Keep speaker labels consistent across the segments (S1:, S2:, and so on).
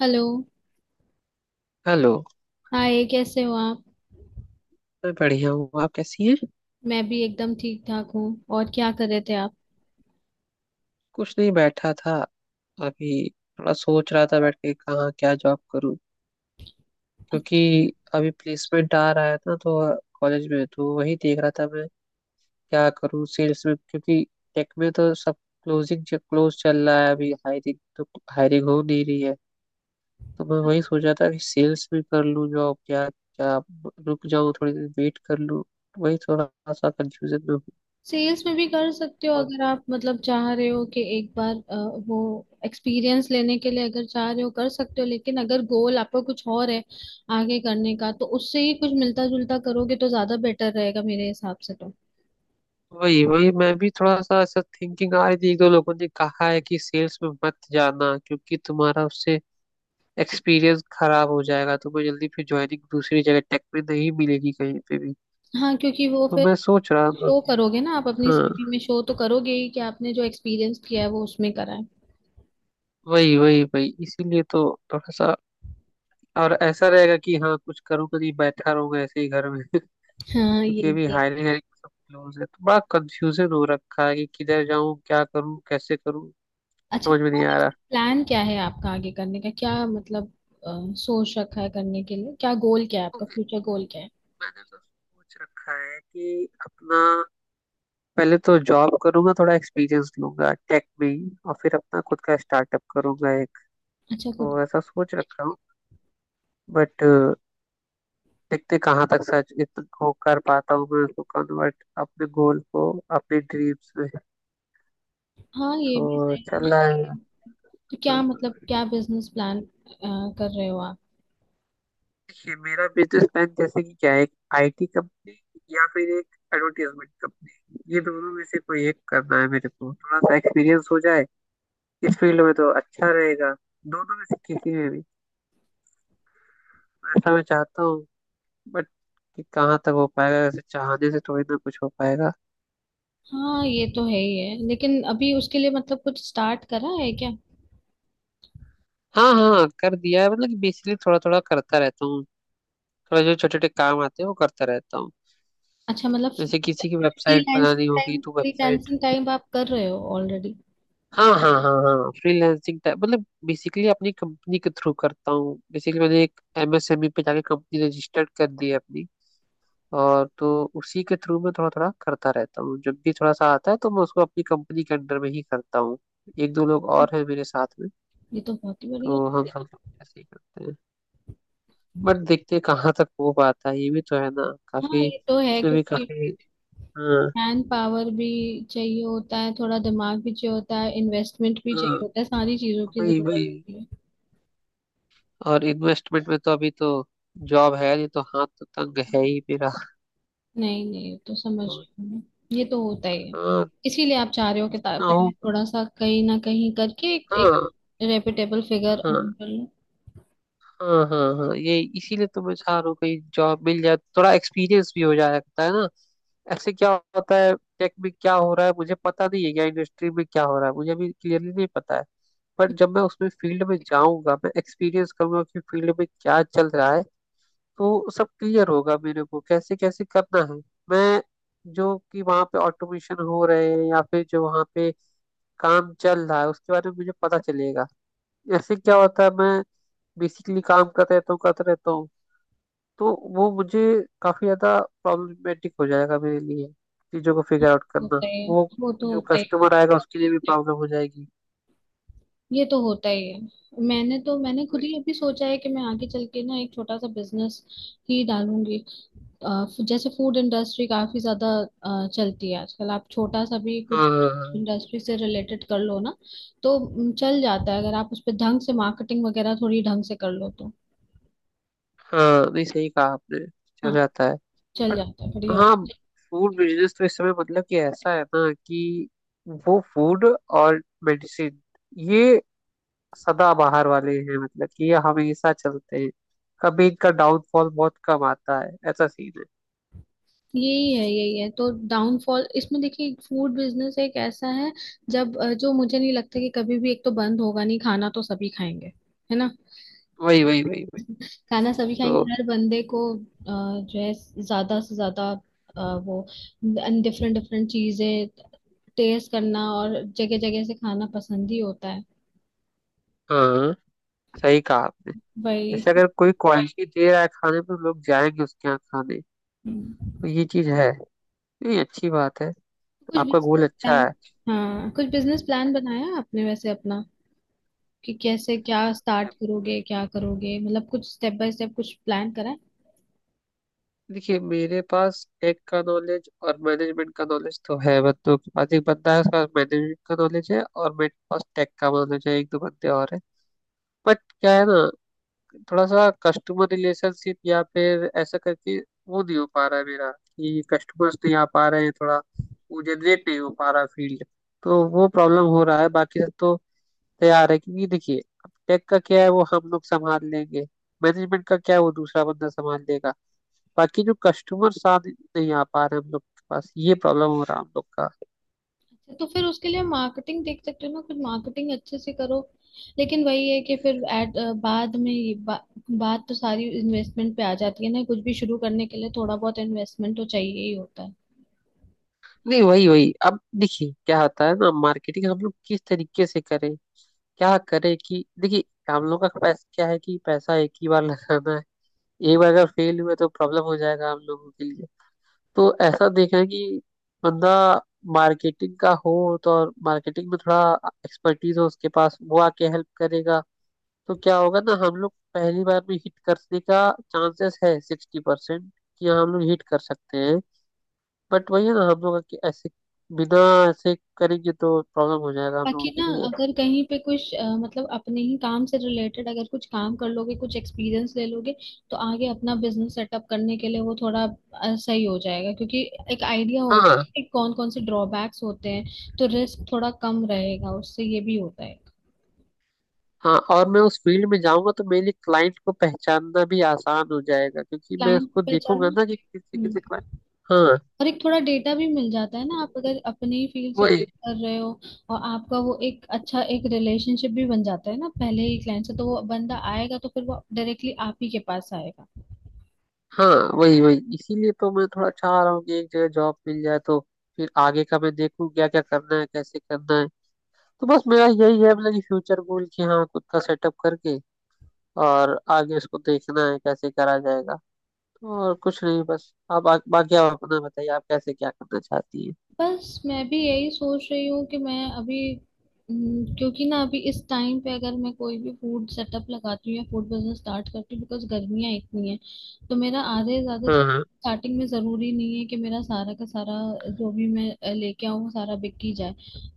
S1: Hello.
S2: Hello.
S1: Hi, कैसे हो आप?
S2: मैं बढ़िया हूँ। आप कैसी हैं?
S1: मैं भी एकदम ठीक ठाक हूँ। और क्या कर रहे थे आप?
S2: कुछ नहीं, बैठा था। अभी थोड़ा सोच रहा था, बैठ के कहाँ क्या जॉब करूँ। क्योंकि अभी प्लेसमेंट आ रहा है ना, तो कॉलेज में तो वही देख रहा था मैं, क्या करूँ सेल्स में। क्योंकि टेक में तो सब क्लोजिंग क्लोज चल रहा है अभी, हायरिंग तो हायरिंग हो नहीं रही है। तो मैं वही सोच रहा था कि सेल्स में कर लूँ जॉब क्या क्या, रुक जाऊँ थोड़ी देर वेट कर लूँ। वही थोड़ा सा कंफ्यूजन में हूँ।
S1: सेल्स में भी कर सकते हो, अगर आप मतलब चाह रहे हो कि एक बार वो एक्सपीरियंस लेने के लिए, अगर चाह रहे हो कर सकते हो। लेकिन अगर गोल आपका कुछ और है आगे करने का, तो उससे ही कुछ मिलता जुलता करोगे तो ज्यादा बेटर रहेगा मेरे हिसाब से तो।
S2: वही वही, मैं भी थोड़ा सा ऐसा थिंकिंग आ रही थी। एक दो लोगों ने कहा है कि सेल्स में मत जाना, क्योंकि तुम्हारा उससे एक्सपीरियंस खराब हो जाएगा, तुम्हें जल्दी फिर ज्वाइनिंग दूसरी जगह टेक में नहीं मिलेगी कहीं पे भी।
S1: हाँ, क्योंकि वो
S2: तो
S1: फिर
S2: मैं सोच रहा था। हम्म।
S1: शो करोगे ना आप, अपनी
S2: हाँ,
S1: सीवी में शो तो करोगे ही कि आपने जो एक्सपीरियंस किया है वो उसमें करा है।
S2: वही वही वही, इसीलिए तो थोड़ा सा। और ऐसा रहेगा कि हाँ, कुछ करूँगा, नहीं बैठा रहूंगा ऐसे ही घर में।
S1: हाँ, ये
S2: क्योंकि अभी
S1: भी है।
S2: हायरिंग हायरिंग सब क्लोज है, तो बड़ा कंफ्यूजन हो रखा है कि किधर जाऊँ, क्या करूँ, कैसे करूँ।
S1: अच्छा,
S2: समझ में नहीं आ
S1: प्लान क्या है आपका आगे करने का? क्या मतलब, अ, सोच रखा है करने के लिए? क्या गोल, क्या है आपका
S2: रहा।
S1: फ्यूचर गोल क्या है?
S2: मैंने तो सोच रखा है कि अपना पहले तो जॉब करूंगा, थोड़ा एक्सपीरियंस लूंगा टेक में ही, और फिर अपना खुद का स्टार्टअप करूंगा एक।
S1: अच्छा, खुद।
S2: तो ऐसा सोच रखा हूँ। बट देखते कहाँ तक को कर पाता हूँ मैं, उसको कन्वर्ट अपने गोल को अपने ड्रीम्स में।
S1: हाँ, ये भी
S2: तो
S1: सही है।
S2: चल रहा है।
S1: तो
S2: हाँ,
S1: क्या मतलब,
S2: हाँ।
S1: क्या बिजनेस प्लान कर रहे हो आप?
S2: देखिए मेरा बिजनेस प्लान जैसे कि क्या है, एक आईटी कंपनी या फिर एक एडवर्टाइजमेंट कंपनी, ये दोनों में से कोई एक करना है। मेरे को थोड़ा सा एक्सपीरियंस हो जाए इस फील्ड में तो अच्छा रहेगा, दोनों में से किसी में भी। ऐसा मैं चाहता हूँ। बट कि कहाँ तक हो पाएगा, वैसे चाहने से थोड़ी ना कुछ हो पाएगा।
S1: हाँ, ये तो है ही है, लेकिन अभी उसके लिए मतलब कुछ स्टार्ट करा है क्या?
S2: हाँ हाँ हाँ, कर दिया है, मतलब कि बेसिकली थोड़ा थोड़ा करता रहता हूँ। थोड़ा जो छोटे छोटे काम आते हैं वो करता रहता हूँ।
S1: अच्छा, मतलब
S2: जैसे किसी की वेबसाइट
S1: फ्रीलांसिंग
S2: बनानी होगी
S1: टाइम,
S2: तो वेबसाइट।
S1: फ्रीलांसिंग टाइम आप कर रहे हो ऑलरेडी।
S2: हाँ हाँ हाँ हाँ, फ्रीलांसिंग टाइप, मतलब बेसिकली अपनी कंपनी के थ्रू करता हूँ। बेसिकली मैंने एक एमएसएमई पे जाके कंपनी रजिस्टर्ड कर दी है अपनी। और तो उसी के थ्रू मैं थोड़ा थोड़ा करता रहता हूँ। जब भी थोड़ा सा आता है तो मैं उसको अपनी कंपनी के अंडर में ही करता हूँ। एक दो लोग और हैं मेरे साथ में।
S1: ये तो बहुत ही बढ़िया।
S2: तो हम सब लोग ऐसे ही करते हैं। बट देखते हैं कहाँ तक हो पाता है, ये भी तो है ना,
S1: हाँ,
S2: काफी
S1: ये तो है
S2: इसमें भी
S1: क्योंकि
S2: काफी। हाँ
S1: मैन पावर भी चाहिए होता है, थोड़ा दिमाग भी चाहिए होता है, इन्वेस्टमेंट भी चाहिए
S2: हाँ,
S1: होता है, सारी चीजों की
S2: वही
S1: जरूरत
S2: वही।
S1: होती है।
S2: और इन्वेस्टमेंट में तो अभी तो जॉब है नहीं, तो हाथ तो तंग है
S1: हाँ,
S2: ही मेरा।
S1: नहीं नहीं तो समझ
S2: और
S1: रही हूँ मैं। ये तो होता ही है।
S2: हाँ,
S1: इसीलिए आप चाह रहे हो कि
S2: ना
S1: पहले
S2: हो।
S1: थोड़ा सा कहीं ना कहीं करके एक, एक
S2: हाँ
S1: रेपिटेबल फिगर
S2: हाँ
S1: अर्न कर लो।
S2: हाँ हाँ हाँ, ये इसीलिए तो मैं चाह रहा हूँ कहीं जॉब मिल जाए, थोड़ा एक्सपीरियंस भी हो जाता है ना। ऐसे क्या होता है, टेक में क्या हो रहा है मुझे पता नहीं है, या इंडस्ट्री में क्या हो रहा है मुझे अभी क्लियरली नहीं पता है। पर जब मैं उसमें फील्ड में जाऊंगा, मैं एक्सपीरियंस करूंगा कि फील्ड में क्या चल रहा है, तो सब क्लियर होगा मेरे को कैसे कैसे करना है। मैं जो कि वहाँ पे ऑटोमेशन हो रहे हैं या फिर जो वहाँ पे काम चल रहा है, उसके बारे में मुझे पता चलेगा। ऐसे क्या होता है, मैं बेसिकली काम करते रहता हूँ करते रहता हूँ, तो वो मुझे काफी ज्यादा प्रॉब्लमेटिक हो जाएगा मेरे लिए चीजों को
S1: हाँ,
S2: फिगर आउट करना
S1: होता ही है
S2: वो।
S1: वो, तो
S2: जो
S1: होता ही है।
S2: कस्टमर आएगा उसके लिए भी प्रॉब्लम हो जाएगी।
S1: ये तो होता ही है। मैंने तो, मैंने खुद ही
S2: वही।
S1: अभी सोचा है कि मैं आगे चल के ना एक छोटा सा बिजनेस ही डालूंगी। जैसे फूड इंडस्ट्री काफी ज्यादा चलती है आजकल। आप छोटा सा भी कुछ
S2: हाँ हाँ
S1: इंडस्ट्री से रिलेटेड कर लो ना, तो चल जाता है अगर आप उस पर ढंग से मार्केटिंग वगैरह थोड़ी ढंग से कर लो तो।
S2: हाँ, नहीं सही कहा आपने। चल
S1: हाँ,
S2: जाता है।
S1: चल
S2: बट
S1: जाता है, बढ़िया
S2: हाँ।
S1: होता
S2: फूड बिजनेस तो इस समय, मतलब कि ऐसा है ना कि वो फूड और मेडिसिन, ये सदा बाहर वाले हैं, मतलब कि ये हमेशा चलते हैं। कभी इनका डाउनफॉल बहुत कम आता है, ऐसा सीन है।
S1: है। यही है, यही है। तो डाउनफॉल इसमें, देखिए फूड बिजनेस एक ऐसा है जब जो मुझे नहीं लगता कि कभी भी एक तो बंद होगा। नहीं, खाना तो सभी खाएंगे, है ना?
S2: वही वही वही वही।
S1: खाना सभी खाएंगे।
S2: तो
S1: हर बंदे को जो है ज्यादा से ज्यादा वो डिफरेंट डिफरेंट चीजें टेस्ट करना और जगह जगह से खाना पसंद ही होता है।
S2: हाँ, सही कहा।
S1: वही
S2: जैसे
S1: इसकी-
S2: अगर कोई क्वालिटी दे रहा है खाने में, तो लोग जाएंगे उसके यहाँ खाने।
S1: हम्म।
S2: तो ये चीज है। नहीं, अच्छी बात है,
S1: कुछ
S2: आपका गोल
S1: बिजनेस
S2: अच्छा
S1: प्लान,
S2: है।
S1: हाँ कुछ बिजनेस प्लान बनाया आपने वैसे अपना? कि कैसे, क्या स्टार्ट करोगे, क्या करोगे मतलब कुछ स्टेप बाय स्टेप कुछ प्लान करा है?
S2: देखिए मेरे पास टेक का नॉलेज और मैनेजमेंट का नॉलेज तो है बंदों के पास, एक बंदा है उसका मैनेजमेंट का नॉलेज है और मेरे पास टेक का नॉलेज है, एक दो बंदे और है। बट क्या है ना, थोड़ा सा कस्टमर रिलेशनशिप या फिर ऐसा करके, वो नहीं हो पा रहा है मेरा, कि कस्टमर्स नहीं आ पा रहे हैं, थोड़ा वो जनरेट नहीं हो पा रहा फील्ड। तो वो प्रॉब्लम हो रहा है, बाकी सब तो तैयार है। क्योंकि देखिए, अब टेक का क्या है वो हम लोग संभाल लेंगे, मैनेजमेंट का क्या है वो दूसरा बंदा संभाल लेगा। बाकी जो कस्टमर साथ नहीं आ पा रहे हम लोग के पास, ये प्रॉब्लम हो रहा है हम लोग का।
S1: अच्छा, तो फिर उसके लिए मार्केटिंग देख सकते हो ना, कुछ मार्केटिंग अच्छे से करो। लेकिन वही है कि फिर एट बाद में ये बा, बात तो सारी इन्वेस्टमेंट पे आ जाती है ना। कुछ भी शुरू करने के लिए थोड़ा बहुत इन्वेस्टमेंट तो चाहिए ही होता है।
S2: नहीं वही वही, अब देखिए क्या होता है ना, मार्केटिंग हम लोग किस तरीके से करें, क्या करें। कि देखिए, हम लोग का पैसा क्या है, कि पैसा एक ही बार लगाना है। एक बार अगर फेल हुआ तो प्रॉब्लम हो जाएगा हम लोगों के लिए। तो ऐसा देखा है कि बंदा मार्केटिंग का हो, तो और मार्केटिंग में थोड़ा एक्सपर्टीज हो उसके पास, वो आके हेल्प करेगा। तो क्या होगा ना, हम लोग पहली बार में हिट करने का चांसेस है 60%, कि हाँ, हम लोग हिट कर सकते हैं। बट वही है ना, हम लोग कि ऐसे बिना ऐसे करेंगे तो प्रॉब्लम हो जाएगा हम लोगों
S1: बाकी
S2: के
S1: ना,
S2: लिए।
S1: अगर कहीं पे कुछ मतलब अपने ही काम से रिलेटेड अगर कुछ काम कर लोगे, कुछ एक्सपीरियंस ले लोगे, तो आगे अपना बिजनेस सेटअप करने के लिए वो थोड़ा सही हो जाएगा, क्योंकि एक आइडिया हो
S2: हाँ हाँ
S1: कि कौन कौन से ड्रॉबैक्स होते हैं, तो रिस्क थोड़ा कम रहेगा उससे। ये भी होता है।
S2: हाँ, और मैं उस फील्ड में जाऊंगा तो मेरे लिए क्लाइंट को पहचानना भी आसान हो जाएगा, क्योंकि मैं
S1: क्लाइंट को
S2: उसको देखूंगा
S1: पहचानना,
S2: ना कि किसी
S1: हम्म।
S2: किसी क्लाइंट, हाँ
S1: और एक थोड़ा डेटा भी मिल जाता है ना, आप अगर अपने ही फील्ड से
S2: वही।
S1: कर रहे हो। और आपका वो एक अच्छा एक रिलेशनशिप भी बन जाता है ना पहले ही क्लाइंट से, तो वो बंदा आएगा तो फिर वो डायरेक्टली आप ही के पास आएगा।
S2: हाँ वही वही, इसीलिए तो मैं थोड़ा चाह रहा हूँ कि एक जगह जॉब मिल जाए, तो फिर आगे का मैं देखूँ क्या क्या करना है कैसे करना है। तो बस मेरा यही है, मतलब कि फ्यूचर गोल कि हाँ, खुद का सेटअप करके, और आगे उसको देखना है कैसे करा जाएगा। और कुछ नहीं, बस आप बाकी आप अपना बताइए, आप कैसे क्या करना चाहती है।
S1: बस मैं भी यही सोच रही हूँ कि मैं अभी, क्योंकि ना अभी इस टाइम पे अगर मैं कोई भी फूड सेटअप लगाती हूँ या फूड बिजनेस स्टार्ट करती हूँ, बिकॉज गर्मियाँ इतनी हैं, तो मेरा आधे से ज्यादा
S2: हाँ हाँ
S1: स्टार्टिंग में जरूरी नहीं है कि मेरा सारा का सारा जो भी मैं लेके आऊँ वो सारा बिक ही जाए।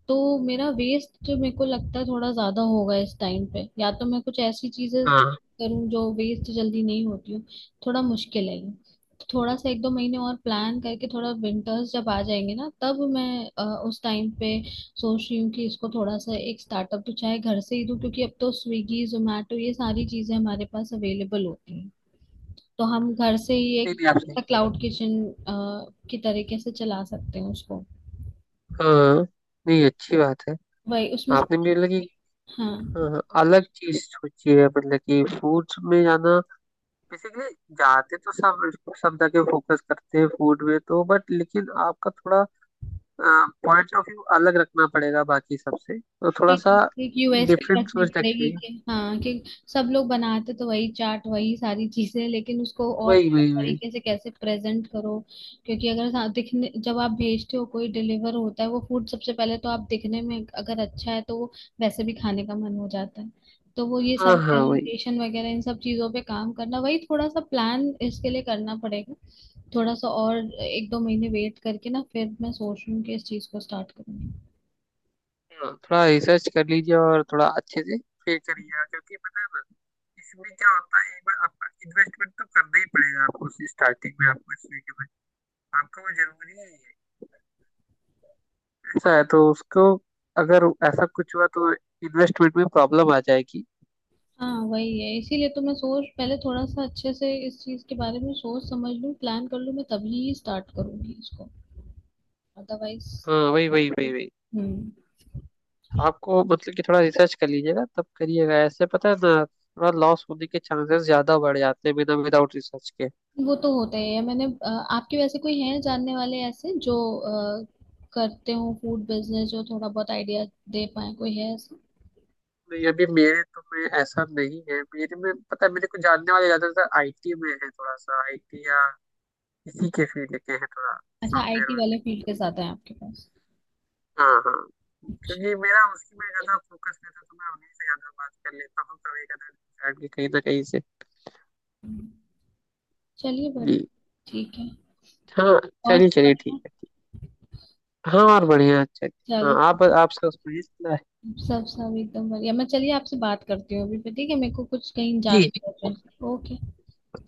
S1: तो मेरा वेस्ट, जो मेरे को लगता है, थोड़ा ज्यादा होगा इस टाइम पे। या तो मैं कुछ ऐसी चीजें
S2: हाँ,
S1: करूँ जो वेस्ट जल्दी नहीं होती हूँ। थोड़ा मुश्किल है ये। थोड़ा सा एक दो महीने और प्लान करके, थोड़ा विंटर्स जब आ जाएंगे ना, तब मैं अ, उस टाइम पे सोच रही हूँ कि इसको थोड़ा सा एक स्टार्टअप तो चाहे घर से ही दूँ, क्योंकि अब तो स्विगी जोमेटो ये सारी चीजें हमारे पास अवेलेबल होती हैं। तो हम घर से ही
S2: नहीं
S1: एक
S2: नहीं, आप सही कह रही
S1: क्लाउड
S2: हैं।
S1: किचन की तरीके से चला सकते हैं उसको।
S2: हाँ, नहीं अच्छी बात है।
S1: वही उसमें से-
S2: आपने भी मतलब कि,
S1: हाँ,
S2: हाँ, हाँ, अलग चीज सोची है, मतलब कि फूड्स में जाना। बेसिकली जाते तो सब सब जगह फोकस करते हैं फूड में तो, बट लेकिन आपका थोड़ा पॉइंट ऑफ व्यू अलग रखना पड़ेगा बाकी सबसे। तो थोड़ा सा
S1: एक यूएसपी
S2: डिफरेंट
S1: रखनी
S2: सोच
S1: पड़ेगी
S2: रखिए।
S1: कि हाँ कि सब लोग बनाते तो वही चाट, वही सारी चीजें, लेकिन उसको और
S2: वही
S1: अलग
S2: वही वही।
S1: तरीके से कैसे प्रेजेंट करो। क्योंकि अगर दिखने, जब आप भेजते हो कोई डिलीवर होता है वो फूड, सबसे पहले तो आप दिखने में अगर अच्छा है तो वो वैसे भी खाने का मन हो जाता है। तो वो ये
S2: हाँ
S1: सारी
S2: हाँ वही,
S1: प्रेजेंटेशन वगैरह इन सब चीजों पे काम करना, वही थोड़ा सा प्लान इसके लिए करना पड़ेगा। थोड़ा सा और एक दो महीने वेट करके ना, फिर मैं सोच रही हूँ कि इस चीज को स्टार्ट करूँ।
S2: हाँ थोड़ा रिसर्च कर लीजिए, और थोड़ा अच्छे से फिर करिएगा। क्योंकि पता है ना, इसमें क्या होता है, एक बार आपका इन्वेस्टमेंट तो करना ही पड़ेगा आपको, स्टार्टिंग में आपको इसमें के में आपका वो जरूरी है। ऐसा है, तो उसको, अगर ऐसा कुछ हुआ तो इन्वेस्टमेंट में प्रॉब्लम आ जाएगी।
S1: हाँ, वही है। इसीलिए तो मैं सोच पहले थोड़ा सा अच्छे से इस चीज के बारे में सोच समझ लूँ, प्लान कर लूँ, मैं तभी स्टार्ट करूंगी इसको, अदरवाइज।
S2: हाँ वही वही वही वही।
S1: हम्म।
S2: आपको मतलब कि थोड़ा रिसर्च कर लीजिएगा तब करिएगा ऐसे, पता है ना, थोड़ा लॉस होने के चांसेस ज्यादा बढ़ जाते हैं बिना विदाउट रिसर्च के।
S1: वो तो होता ही है। मैंने आपके वैसे कोई हैं जानने वाले ऐसे जो अ, करते हो फूड बिजनेस जो थोड़ा बहुत आइडिया दे पाए, कोई है ऐसा?
S2: नहीं अभी मेरे तो में ऐसा नहीं है, मेरे में पता है मेरे को जानने वाले ज्यादातर आईटी में है, थोड़ा सा आईटी या इसी के फील्ड के हैं थोड़ा,
S1: अच्छा,
S2: सॉफ्टवेयर
S1: आईटी
S2: वाले।
S1: वाले फील्ड के साथ है आपके पास।
S2: हाँ हाँ।
S1: अच्छा।
S2: क्योंकि मेरा उसी में ज्यादा फोकस रहता है, तो मैं उन्हीं से ज्यादा बात कर लेता हूँ कभी कभी कहीं ना कहीं से।
S1: चलिए,
S2: जी।
S1: बढ़िया। ठीक है।
S2: हाँ,
S1: और
S2: चलिए
S1: सब
S2: चलिए ठीक
S1: बढ़िया?
S2: है। हाँ, और बढ़िया, अच्छा अच्छा।
S1: चलो,
S2: हाँ, आप सुनाइए।
S1: सब सब एकदम बढ़िया। मैं, चलिए, आपसे बात करती हूँ अभी पे। ठीक है, मेरे को कुछ कहीं
S2: जी
S1: जाना है urgent। ओके।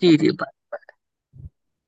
S2: जी जी।